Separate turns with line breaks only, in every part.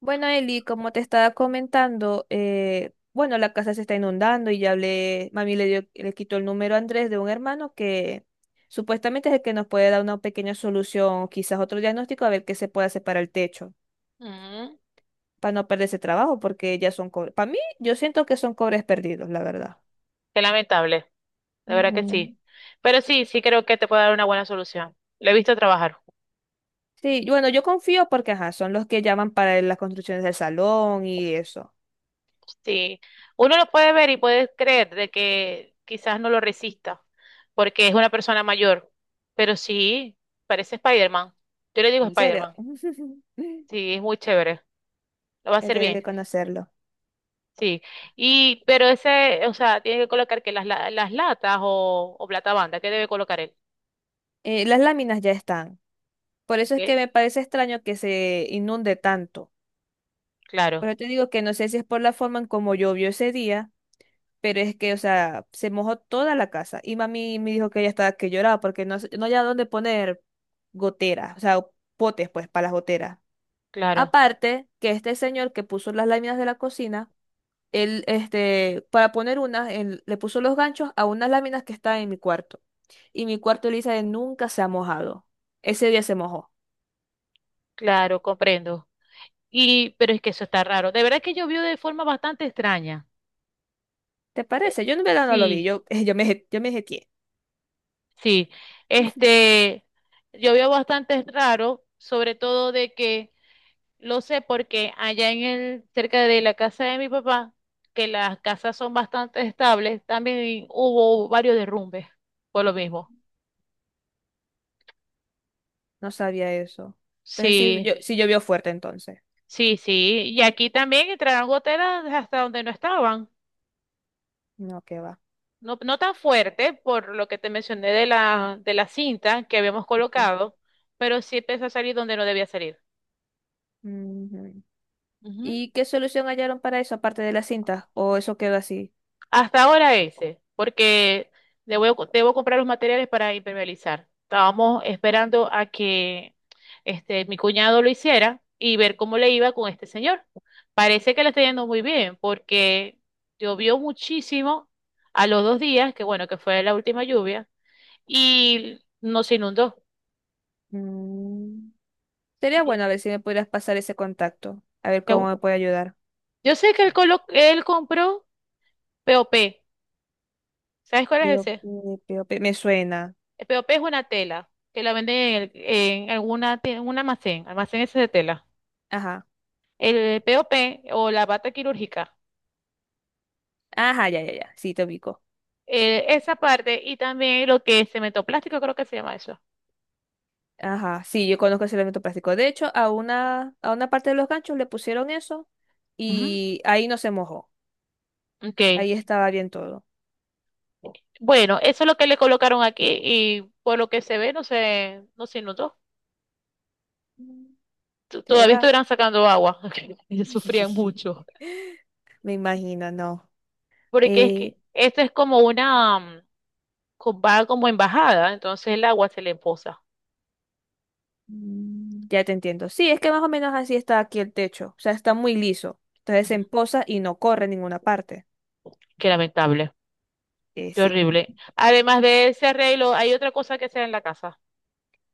Bueno, Eli, como te estaba comentando, bueno, la casa se está inundando y ya hablé, mami le quitó el número a Andrés de un hermano que supuestamente es el que nos puede dar una pequeña solución, quizás otro diagnóstico, a ver qué se puede hacer para el techo,
Ujú.
para no perder ese trabajo, porque ya son cobres. Para mí, yo siento que son cobres perdidos, la verdad.
Qué lamentable, de verdad que
Ujú.
sí. Pero sí, sí creo que te puedo dar una buena solución. Lo he visto trabajar.
Sí, y bueno, yo confío porque, ajá, son los que llaman para las construcciones del salón y eso.
Sí, uno lo puede ver y puede creer de que quizás no lo resista, porque es una persona mayor, pero sí, parece Spider-Man. Yo le digo
En serio,
Spider-Man, sí, es muy chévere, lo va a
ya
hacer
tiene que
bien,
conocerlo.
sí. Y, pero ese, o sea, tiene que colocar que las, las latas o plata banda, ¿qué debe colocar él?
Las láminas ya están. Por eso es que
¿Qué?
me parece extraño que se inunde tanto. Por
Claro,
eso te digo que no sé si es por la forma en cómo llovió ese día, pero es que, o sea, se mojó toda la casa. Y mami me dijo que ella estaba que lloraba porque no había dónde poner goteras, o sea, potes, pues, para las goteras.
claro,
Aparte, que este señor que puso las láminas de la cocina, él, este, para poner unas, él le puso los ganchos a unas láminas que están en mi cuarto. Y mi cuarto, Elisa, nunca se ha mojado. Ese día se mojó.
claro, comprendo. Y, pero es que eso está raro. De verdad que yo vi de forma bastante extraña.
¿Te
Eh,
parece? Yo en verdad no lo vi,
Sí.
yo yo me jeteé.
Sí,
Ujú.
este, yo veo bastante raro, sobre todo de que lo sé porque allá cerca de la casa de mi papá, que las casas son bastante estables, también hubo varios derrumbes por lo mismo.
No sabía eso. Entonces sí,
Sí,
yo, sí llovió fuerte entonces.
sí, sí. Y aquí también entraron goteras hasta donde no estaban.
No, qué va.
No, no tan fuerte por lo que te mencioné de la cinta que habíamos
Ok.
colocado, pero sí empezó a salir donde no debía salir.
Ujú. ¿Y qué solución hallaron para eso aparte de la cinta? ¿O eso quedó así?
Hasta ahora ese, porque le voy a co- debo comprar los materiales para impermeabilizar. Estábamos esperando a que este, mi cuñado lo hiciera y ver cómo le iba con este señor. Parece que le está yendo muy bien, porque llovió muchísimo a los dos días, que bueno, que fue la última lluvia, y no se inundó.
Mm. Sería bueno a ver si me pudieras pasar ese contacto. A ver cómo me puede ayudar.
Yo sé que él compró POP. ¿Sabes cuál es
Pío,
ese?
pío, pío, pío. Me suena.
El POP es una tela que la venden en en un almacén ese de tela.
Ajá.
El POP o P o la bata quirúrgica,
Ajá, ya, ya, ya. Sí, te ubico.
esa parte y también lo que es cemento plástico creo que se llama eso.
Ajá. Sí, yo conozco ese elemento plástico. De hecho, a una parte de los ganchos le pusieron eso
Ujú.
y ahí no se mojó.
Okay.
Ahí estaba bien todo.
Bueno, eso es lo que le colocaron aquí y por lo que se ve no se inundó. Todavía
¿Será?
estuvieran sacando agua. Y sufrían mucho.
Me imagino, no.
Porque es
Eh,
que esto es como una, va como embajada, entonces el agua se le empoza.
ya te entiendo. Sí, es que más o menos así está aquí el techo. O sea, está muy liso. Entonces se
Ujú.
empoza y no corre en ninguna parte.
Qué lamentable. Qué
Sí.
horrible. Además de ese arreglo, hay otra cosa que sea en la casa.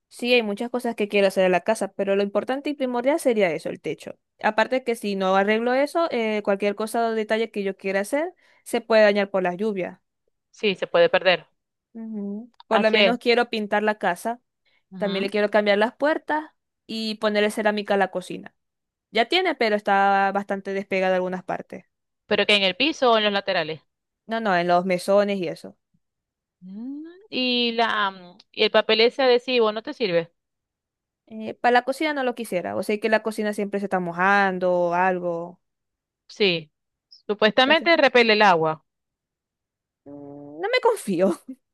Sí, hay muchas cosas que quiero hacer en la casa, pero lo importante y primordial sería eso, el techo. Aparte que si no arreglo eso, cualquier cosa o detalle que yo quiera hacer se puede dañar por las lluvias.
Sí, se puede perder.
Ujú. Por lo
Así es.
menos quiero pintar la casa. También le
Ujú.
quiero cambiar las puertas y ponerle cerámica a la cocina. Ya tiene, pero está bastante despegada en algunas partes.
Pero que en el piso o en los laterales.
No, no, en los mesones y eso.
Y el papel ese adhesivo no te sirve.
Para la cocina no lo quisiera. O sea que la cocina siempre se está mojando o algo.
Sí.
Entonces,
Supuestamente repele el agua.
mm, no me confío.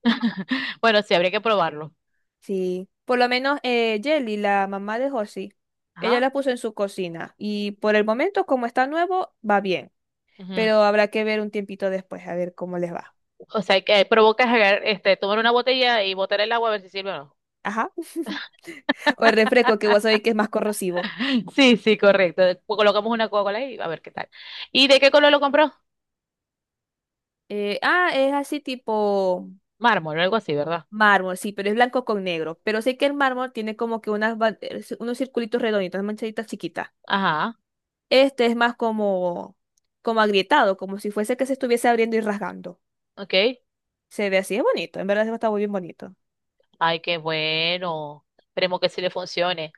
Bueno, sí, habría que probarlo.
Sí. Por lo menos Jelly, la mamá de Josie, ella
Ajá.
la puso en su cocina. Y por el momento, como está nuevo, va bien.
Ujú.
Pero habrá que ver un tiempito después a ver cómo les va.
O sea, que provocas tomar una botella y botar el agua a ver si sirve o no.
Ajá. O el refresco que vos sabés que es más corrosivo.
Sí, sí, correcto. Pues colocamos una Coca-Cola ahí a ver qué tal. ¿Y de qué color lo compró?
Es así tipo
Mármol, algo así, ¿verdad?
mármol, sí, pero es blanco con negro. Pero sé que el mármol tiene como que unos circulitos redonditos, unas manchaditas chiquitas.
Ajá,
Este es más como, Como agrietado, como si fuese que se estuviese abriendo y rasgando.
ok.
Se ve así, es bonito, en verdad está muy bien bonito.
Ay, qué bueno. Esperemos que sí le funcione.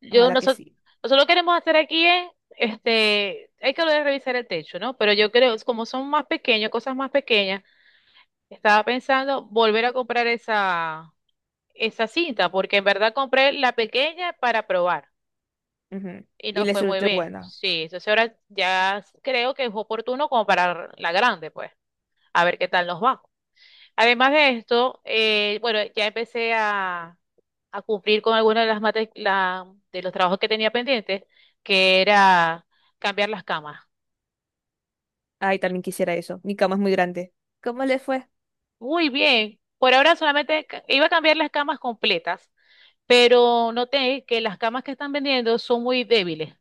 Yo
Ojalá que
nosotros,
sí.
nosotros lo que queremos hacer aquí es, este, hay que volver a revisar el techo, ¿no? Pero yo creo, como son más pequeños, cosas más pequeñas, estaba pensando volver a comprar esa cinta, porque en verdad compré la pequeña para probar
Ujú.
y
Y
no
le
fue muy
suelto
bien.
buena.
Sí, entonces ahora ya creo que es oportuno comprar la grande, pues, a ver qué tal nos va. Además de esto, bueno, ya empecé a cumplir con alguna de de los trabajos que tenía pendientes, que era cambiar las camas.
Ay, también quisiera eso. Mi cama es muy grande. ¿Cómo le fue?
Muy bien. Por ahora solamente iba a cambiar las camas completas, pero noté que las camas que están vendiendo son muy débiles.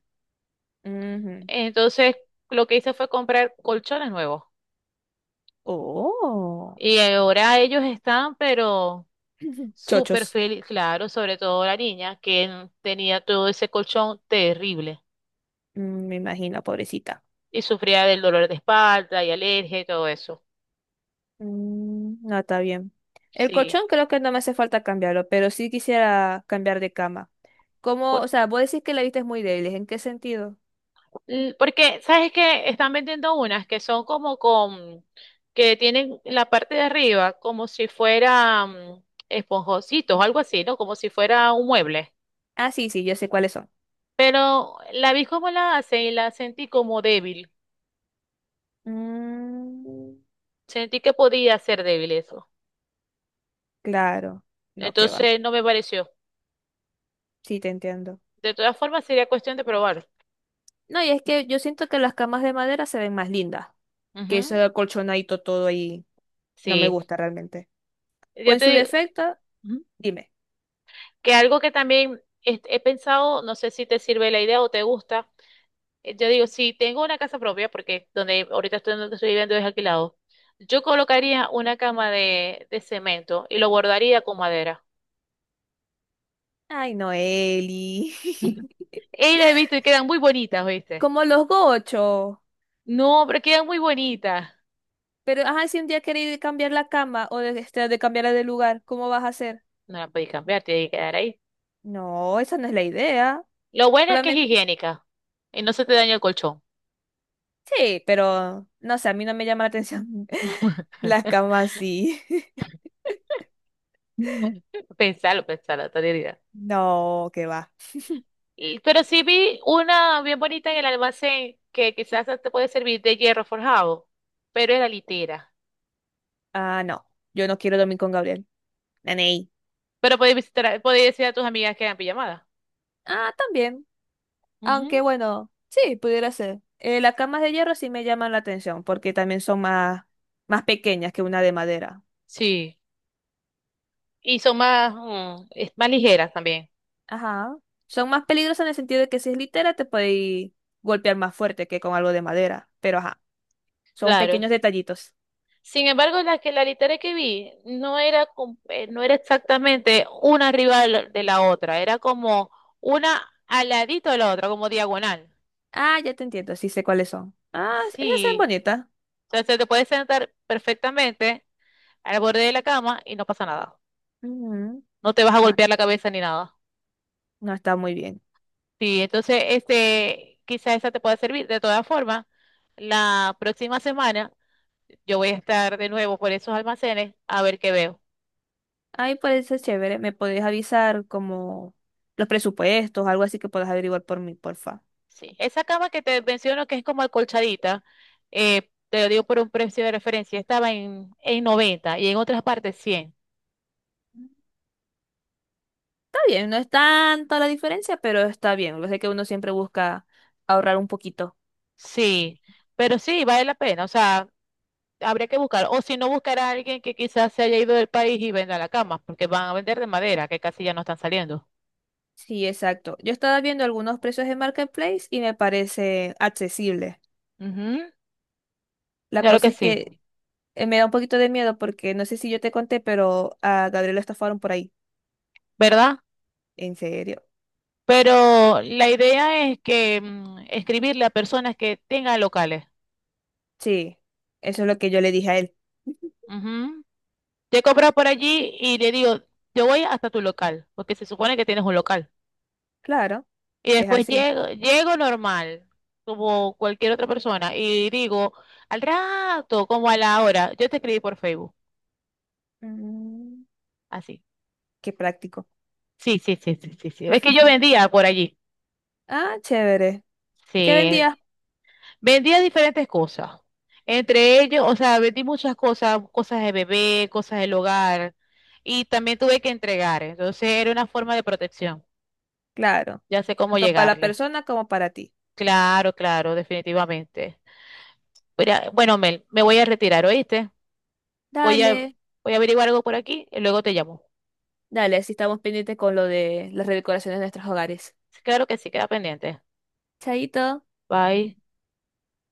Ujú.
Entonces, lo que hice fue comprar colchones nuevos.
Oh.
Y ahora ellos están, pero súper
Chochos.
feliz, claro, sobre todo la niña, que tenía todo ese colchón terrible
Mm, me imagino, pobrecita.
y sufría del dolor de espalda y alergia y todo eso.
Mm, no, está bien. El
Sí.
colchón creo que no me hace falta cambiarlo, pero sí quisiera cambiar de cama. ¿Cómo? O sea, vos decís que la vista es muy débil. ¿En qué sentido?
Porque, ¿sabes qué? Están vendiendo unas que son como que tienen la parte de arriba como si fueran esponjositos o algo así, ¿no? Como si fuera un mueble.
Ah, sí, sí, yo sé cuáles son.
Pero la vi como la hace y la sentí como débil.
Mm,
Sentí que podía ser débil eso.
claro. No, que va.
Entonces no me pareció.
Sí, te entiendo.
De todas formas, sería cuestión de probar.
No, y es que yo siento que las camas de madera se ven más lindas que
Ujú.
ese colchonadito todo ahí. No me
Sí.
gusta realmente. O
Ya
en
te
su
digo
defecto,
ujú,
dime.
que algo que también este, he pensado, no sé si te sirve la idea o te gusta, yo digo, si tengo una casa propia, porque donde ahorita estoy, donde estoy viviendo es alquilado, yo colocaría una cama de cemento y lo bordaría con madera.
Ay, no, Eli.
Y las he visto y quedan muy bonitas, ¿viste?
Como los gochos.
No, pero quedan muy bonitas.
Pero, ajá, si un día queréis cambiar la cama de cambiarla de lugar, ¿cómo vas a hacer?
No la podéis cambiar, tiene que quedar ahí.
No, esa no es la idea.
Lo bueno es que es
Solamente,
higiénica y no se te daña el colchón.
sí, pero no sé, a mí no me llama la atención las camas sí.
Pensalo, pensalo, tontería.
No, que va.
Pero sí vi una bien bonita en el almacén que quizás te puede servir de hierro forjado, pero era litera.
Ah, no, yo no quiero dormir con Gabriel. Naney.
Pero podéis visitar, podéis decir a tus amigas que hagan pijamadas.
Ah, también.
Ujú.
Aunque bueno, sí, pudiera ser. Las camas de hierro sí me llaman la atención porque también son más pequeñas que una de madera.
Sí. Y son más, más ligeras también.
Ajá. Son más peligrosas en el sentido de que si es litera te puede golpear más fuerte que con algo de madera. Pero ajá, son
Claro.
pequeños detallitos.
Sin embargo, la que la litera que vi no era exactamente una arriba de la otra, era como una al ladito de la otra, como diagonal.
Ah, ya te entiendo, sí sé cuáles son. Ah, esas son
Sí.
bonitas.
Entonces te puedes sentar perfectamente al borde de la cama y no pasa nada.
Ujú.
No te vas a
Ah,
golpear la cabeza ni nada.
no está muy bien.
Sí, entonces, este, quizás esa te pueda servir. De todas formas, la próxima semana yo voy a estar de nuevo por esos almacenes a ver qué veo.
Ahí puede ser chévere. ¿Me podés avisar como los presupuestos, algo así que puedas averiguar por mí, porfa?
Sí, esa cama que te menciono que es como acolchadita, te lo digo por un precio de referencia, estaba en 90 y en otras partes 100.
Está bien, no es tanto la diferencia, pero está bien. Lo sé que uno siempre busca ahorrar un poquito.
Sí, pero sí, vale la pena, o sea, habría que buscar, o si no, buscar a alguien que quizás se haya ido del país y venda la cama, porque van a vender de madera, que casi ya no están saliendo.
Sí, exacto. Yo estaba viendo algunos precios de Marketplace y me parece accesible.
Ujú.
La
Claro
cosa
que
es
sí,
que me da un poquito de miedo porque no sé si yo te conté, pero a Gabriel lo estafaron por ahí.
¿verdad?
¿En serio?
Pero la idea es que escribirle a personas que tengan locales.
Sí, eso es lo que yo le dije a él.
Ujú. Te compro por allí y le digo, yo voy hasta tu local, porque se supone que tienes un local.
Claro,
Y
es
después
así.
llego normal, como cualquier otra persona, y digo, al rato, como a la hora, yo te escribí por Facebook.
Mm,
Así.
qué práctico.
Sí, sí, sí, sí, sí, sí. Es que yo vendía por allí.
Ah, chévere. ¿Qué
Sí,
vendías?
vendía diferentes cosas. Entre ellos, o sea, vendí muchas cosas, cosas de bebé, cosas del hogar, y también tuve que entregar. Entonces era una forma de protección.
Claro,
Ya sé cómo
tanto para la
llegarle.
persona como para ti.
Claro, claro, definitivamente. Mira, bueno, Mel, me voy a retirar, ¿oíste? Voy a,
Dale,
voy a averiguar algo por aquí y luego te llamo.
dale, así estamos pendientes con lo de las redecoraciones de nuestros hogares.
Claro que sí, queda pendiente.
Chaito.
Bye.